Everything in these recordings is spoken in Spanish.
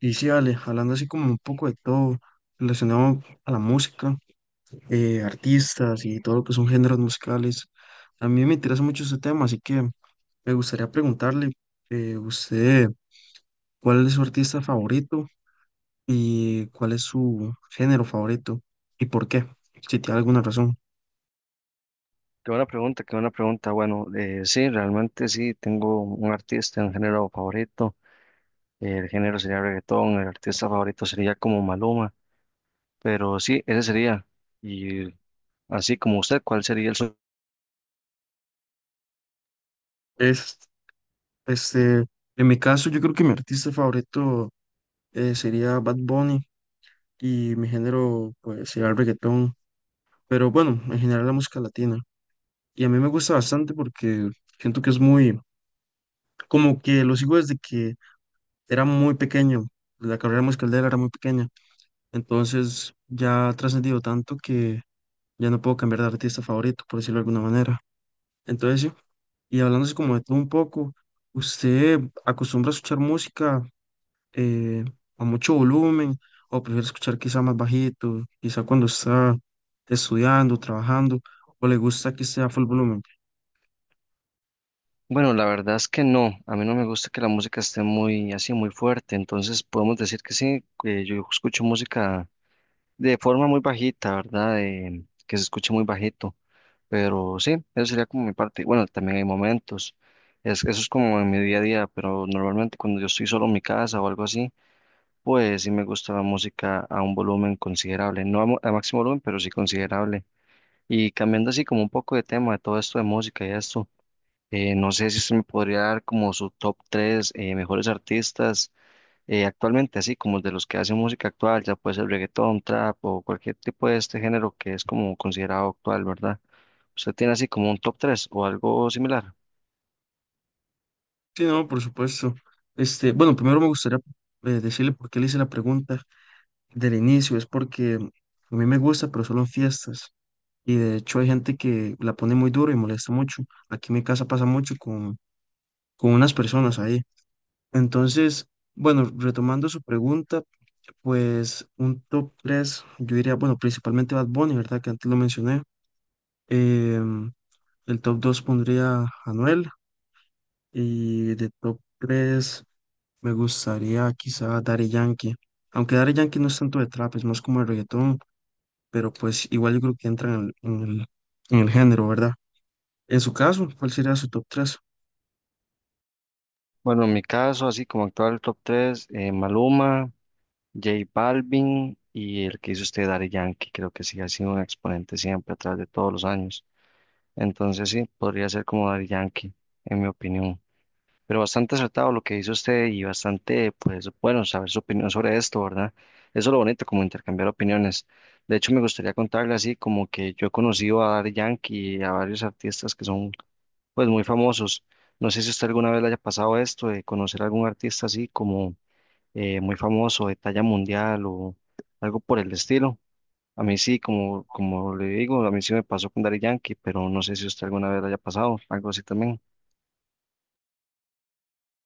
Y sí, Ale, hablando así como un poco de todo, relacionado a la música, artistas y todo lo que son géneros musicales, a mí me interesa mucho ese tema, así que me gustaría preguntarle, usted, ¿cuál es su artista favorito y cuál es su género favorito y por qué? Si tiene alguna razón. Qué buena pregunta, qué buena pregunta. Bueno, sí, realmente sí, tengo un artista, un género favorito. El género sería reggaetón, el artista favorito sería como Maluma, pero sí, ese sería. Y así como usted, ¿cuál sería el... Es, este, en mi caso, yo creo que mi artista favorito sería Bad Bunny y mi género pues, sería el reggaetón, pero bueno, en general la música latina. Y a mí me gusta bastante porque siento que es muy, como que lo sigo desde que era muy pequeño, la carrera musical de él era muy pequeña, entonces ya ha trascendido tanto que ya no puedo cambiar de artista favorito, por decirlo de alguna manera. Entonces, sí, y hablándose como de todo un poco, ¿usted acostumbra a escuchar música eh, a mucho volumen o prefiere escuchar quizá más bajito, quizá cuando está estudiando, trabajando, o le gusta que sea full volumen? Bueno, la verdad es que no, a mí no me gusta que la música esté muy así, muy fuerte, entonces podemos decir que sí, que yo escucho música de forma muy bajita, ¿verdad? Que se escuche muy bajito. Pero sí, eso sería como mi parte. Bueno, también hay momentos. Es, eso es como en mi día a día, pero normalmente cuando yo estoy solo en mi casa o algo así, pues sí me gusta la música a un volumen considerable. No a, mo- A máximo volumen, pero sí considerable. Y cambiando así como un poco de tema de todo esto de música y esto, no sé si usted me podría dar como su top 3 mejores artistas actualmente, así como de los que hacen música actual, ya puede ser reggaetón, trap o cualquier tipo de este género que es como considerado actual, ¿verdad? ¿Usted tiene así como un top 3 o algo similar? Sí, no, por supuesto. Este, bueno, primero me gustaría decirle por qué le hice la pregunta del inicio. Es porque a mí me gusta, pero solo en fiestas. Y de hecho hay gente que la pone muy duro y molesta mucho. Aquí en mi casa pasa mucho con unas personas ahí. Entonces, bueno, retomando su pregunta, pues un top 3 yo diría, bueno, principalmente Bad Bunny, ¿verdad? Que antes lo mencioné. Em, el top 2 pondría a Anuel y de top 3 me gustaría quizá Daddy Yankee, aunque Daddy Yankee no es tanto de trap, es más como de reggaetón, pero pues igual yo creo que entra en el género, ¿verdad? En su caso, ¿cuál sería su top tres? Bueno, en mi caso, así como actual top 3: Maluma, J Balvin y el que hizo usted, Daddy Yankee, creo que sí ha sido un exponente siempre a través de todos los años. Entonces sí, podría ser como Daddy Yankee, en mi opinión. Pero bastante acertado lo que dice usted y bastante, pues, bueno, saber su opinión sobre esto, ¿verdad? Eso es lo bonito, como intercambiar opiniones. De hecho, me gustaría contarle así, como que yo he conocido a Daddy Yankee y a varios artistas que son, pues, muy famosos. No sé si usted alguna vez le haya pasado esto de conocer a algún artista así como muy famoso, de talla mundial o algo por el estilo. A mí sí, como, como le digo, a mí sí me pasó con Daddy Yankee, pero no sé si usted alguna vez le haya pasado algo así también.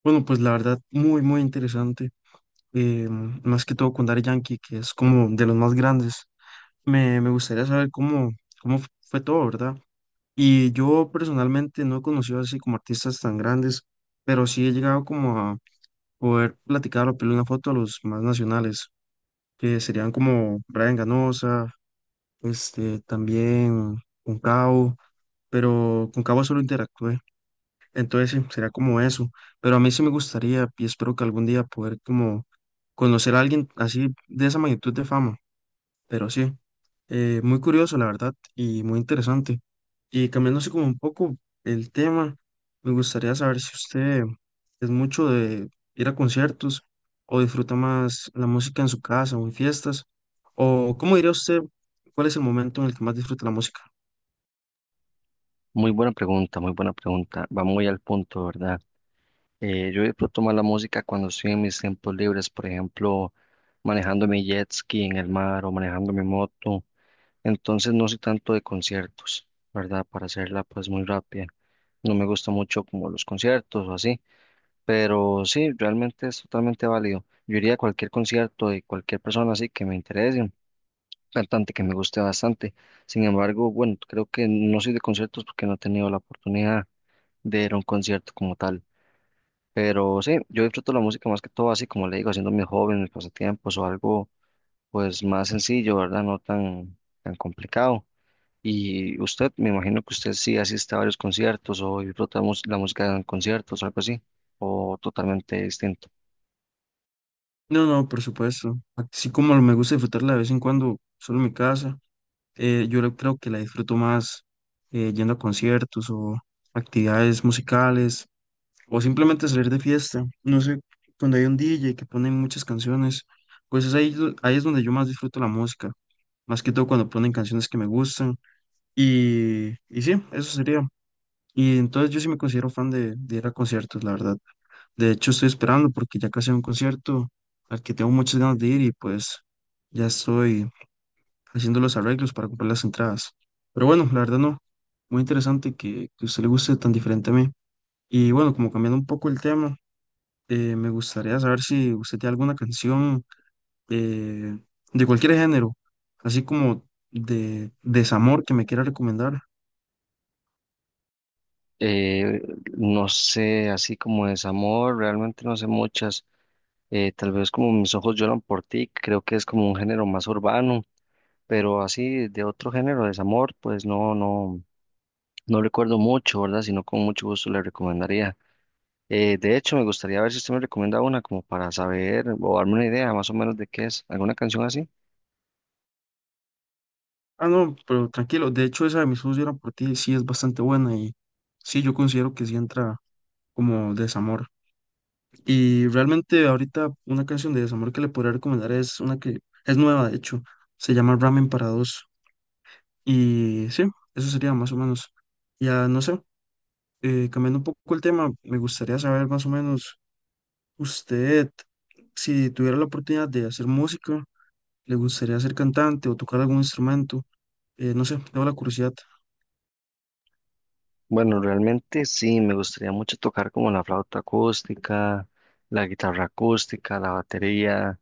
Bueno, pues la verdad, muy, muy interesante, más que todo con Daddy Yankee, que es como de los más grandes. Me gustaría saber cómo, fue todo, ¿verdad? Y yo personalmente no he conocido así como artistas tan grandes, pero sí he llegado como a poder platicar o pedirle una foto a los más nacionales, que serían como Brian Ganosa, este, también Cabo, pero Cabo solo interactué, entonces sí, sería como eso, pero a mí sí me gustaría y espero que algún día poder como conocer a alguien así de esa magnitud de fama. Pero sí, muy curioso, la verdad, y muy interesante. Y cambiándose como un poco el tema, me gustaría saber si usted es mucho de ir a conciertos o disfruta más la música en su casa o en fiestas, o cómo diría usted cuál es el momento en el que más disfruta la música. Muy buena pregunta, muy buena pregunta. Va muy al punto, ¿verdad? Yo disfruto más la música cuando estoy en mis tiempos libres, por ejemplo, manejando mi jet ski en el mar o manejando mi moto. Entonces no soy tanto de conciertos, ¿verdad? Para hacerla pues muy rápida. No me gusta mucho como los conciertos o así, pero sí, realmente es totalmente válido. Yo iría a cualquier concierto de cualquier persona así que me interese, un cantante que me guste bastante. Sin embargo, bueno, creo que no soy de conciertos porque no he tenido la oportunidad de ir a un concierto como tal. Pero sí, yo disfruto la música más que todo, así como le digo, haciendo mis hobbies, mis pasatiempos o algo pues más sencillo, ¿verdad? No tan, tan complicado. Y usted, me imagino que usted sí asiste a varios conciertos o disfruta la música en conciertos o algo así, o totalmente distinto. No, no, por supuesto. Así como me gusta disfrutarla de vez en cuando solo en mi casa, creo que la disfruto más yendo a conciertos o actividades musicales, o simplemente salir de fiesta. No sé, cuando hay un DJ que pone muchas canciones, pues es ahí, ahí es donde yo más disfruto la música. Más que todo cuando ponen canciones que me gustan. Y sí, eso sería. Y entonces yo sí me considero fan de ir a conciertos, la verdad. De hecho, estoy esperando porque ya casi hay un concierto al que tengo muchas ganas de ir y pues ya estoy haciendo los arreglos para comprar las entradas. Pero bueno, la verdad no. Muy interesante que a usted le guste tan diferente a mí. Y bueno, como cambiando un poco el tema, me gustaría saber si usted tiene alguna canción eh, de cualquier género, así como de desamor que me quiera recomendar. Eh, no sé, así como desamor, realmente no sé muchas. Tal vez como Mis ojos lloran por ti, creo que es como un género más urbano, pero así de otro género, desamor, pues no, no. No recuerdo mucho, ¿verdad? Sino con mucho gusto le recomendaría. De hecho, me gustaría ver si usted me recomienda una como para saber o darme una idea más o menos de qué es. ¿Alguna canción así? Ah, no, pero tranquilo. De hecho, esa de Mis ojos lloran por ti sí es bastante buena y sí, yo considero que sí entra como desamor. Y realmente ahorita una canción de desamor que le podría recomendar es una que es nueva, de hecho. Se llama Ramen para dos. Y sí, eso sería más o menos. Ya no sé, cambiando un poco el tema, me gustaría saber más o menos. Usted, si tuviera la oportunidad de hacer música, ¿le gustaría ser cantante o tocar algún instrumento? No sé, tengo la curiosidad. Bueno, realmente sí, me gustaría mucho tocar como la flauta acústica, la guitarra acústica, la batería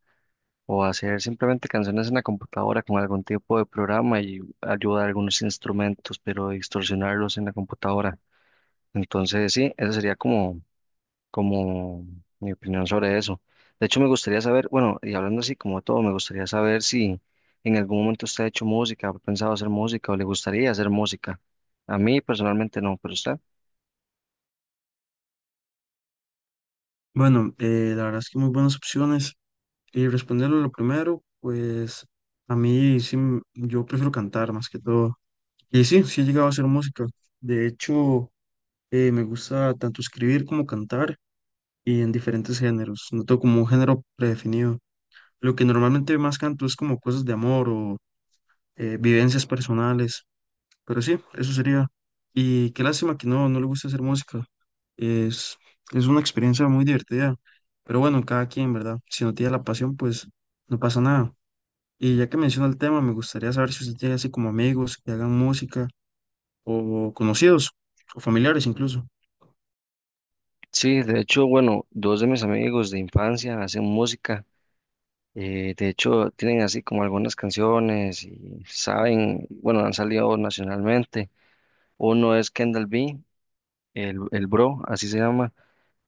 o hacer simplemente canciones en la computadora con algún tipo de programa y ayudar a algunos instrumentos, pero distorsionarlos en la computadora. Entonces sí, esa sería como como mi opinión sobre eso. De hecho, me gustaría saber, bueno, y hablando así como de todo, me gustaría saber si en algún momento usted ha hecho música, ha pensado hacer música o le gustaría hacer música. A mí personalmente no, pero usted. Bueno, la verdad es que muy buenas opciones. Y responderlo lo primero, pues a mí sí, yo prefiero cantar más que todo. Y sí, sí he llegado a hacer música. De hecho, me gusta tanto escribir como cantar y en diferentes géneros. No tengo como un género predefinido. Lo que normalmente más canto es como cosas de amor o vivencias personales. Pero sí, eso sería. Y qué lástima que no, no le gusta hacer música. Es, es una experiencia muy divertida. Pero bueno, cada quien, ¿verdad? Si no tiene la pasión, pues no pasa nada. Y ya que menciona el tema, me gustaría saber si usted tiene así como amigos que hagan música o conocidos o familiares incluso. Sí, de hecho, bueno, dos de mis amigos de infancia hacen música. De hecho, tienen así como algunas canciones y saben, bueno, han salido nacionalmente. Uno es Kendall B, el Bro, así se llama.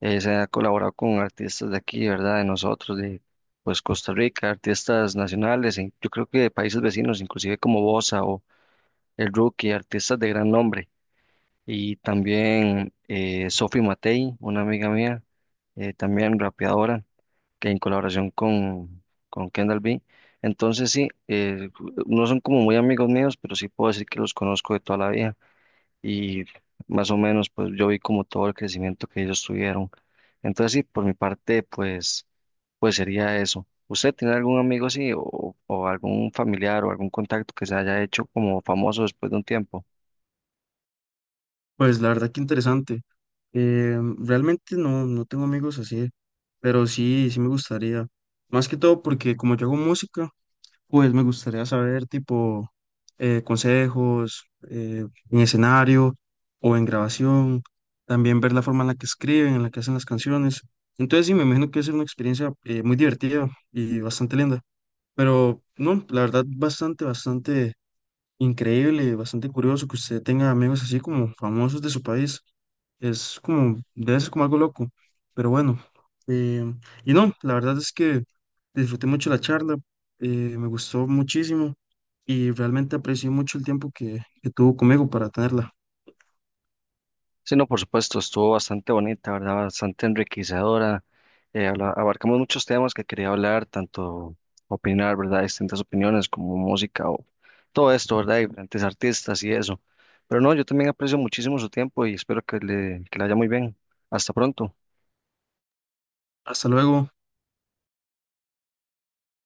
Se ha colaborado con artistas de aquí, ¿verdad? De nosotros, de pues Costa Rica, artistas nacionales, e yo creo que de países vecinos, inclusive como Bosa o El Rookie, artistas de gran nombre. Y también Sophie Matei, una amiga mía, también rapeadora, que en colaboración con Kendall B. Entonces sí, no son como muy amigos míos, pero sí puedo decir que los conozco de toda la vida y más o menos pues yo vi como todo el crecimiento que ellos tuvieron. Entonces sí, por mi parte pues sería eso. ¿Usted tiene algún amigo así o algún familiar o algún contacto que se haya hecho como famoso después de un tiempo? Pues la verdad que interesante. Realmente no, no tengo amigos así, pero sí, sí me gustaría. Más que todo porque como yo hago música, pues me gustaría saber, tipo, consejos en escenario o en grabación, también ver la forma en la que escriben, en la que hacen las canciones. Entonces, sí, me imagino que es una experiencia muy divertida y bastante linda. Pero, no, la verdad, bastante, bastante increíble, bastante curioso que usted tenga amigos así como famosos de su país. Es como, debe ser como algo loco, pero bueno. eh, y no, la verdad es que disfruté mucho la charla, me gustó muchísimo y realmente aprecié mucho el tiempo que tuvo conmigo para tenerla. Sí, no, por supuesto, estuvo bastante bonita, ¿verdad? Bastante enriquecedora. Abarcamos muchos temas que quería hablar, tanto opinar, ¿verdad? Distintas opiniones como música o todo esto, ¿verdad? Y diferentes artistas y eso. Pero no, yo también aprecio muchísimo su tiempo y espero que que le haya muy bien. Hasta pronto. Hasta luego.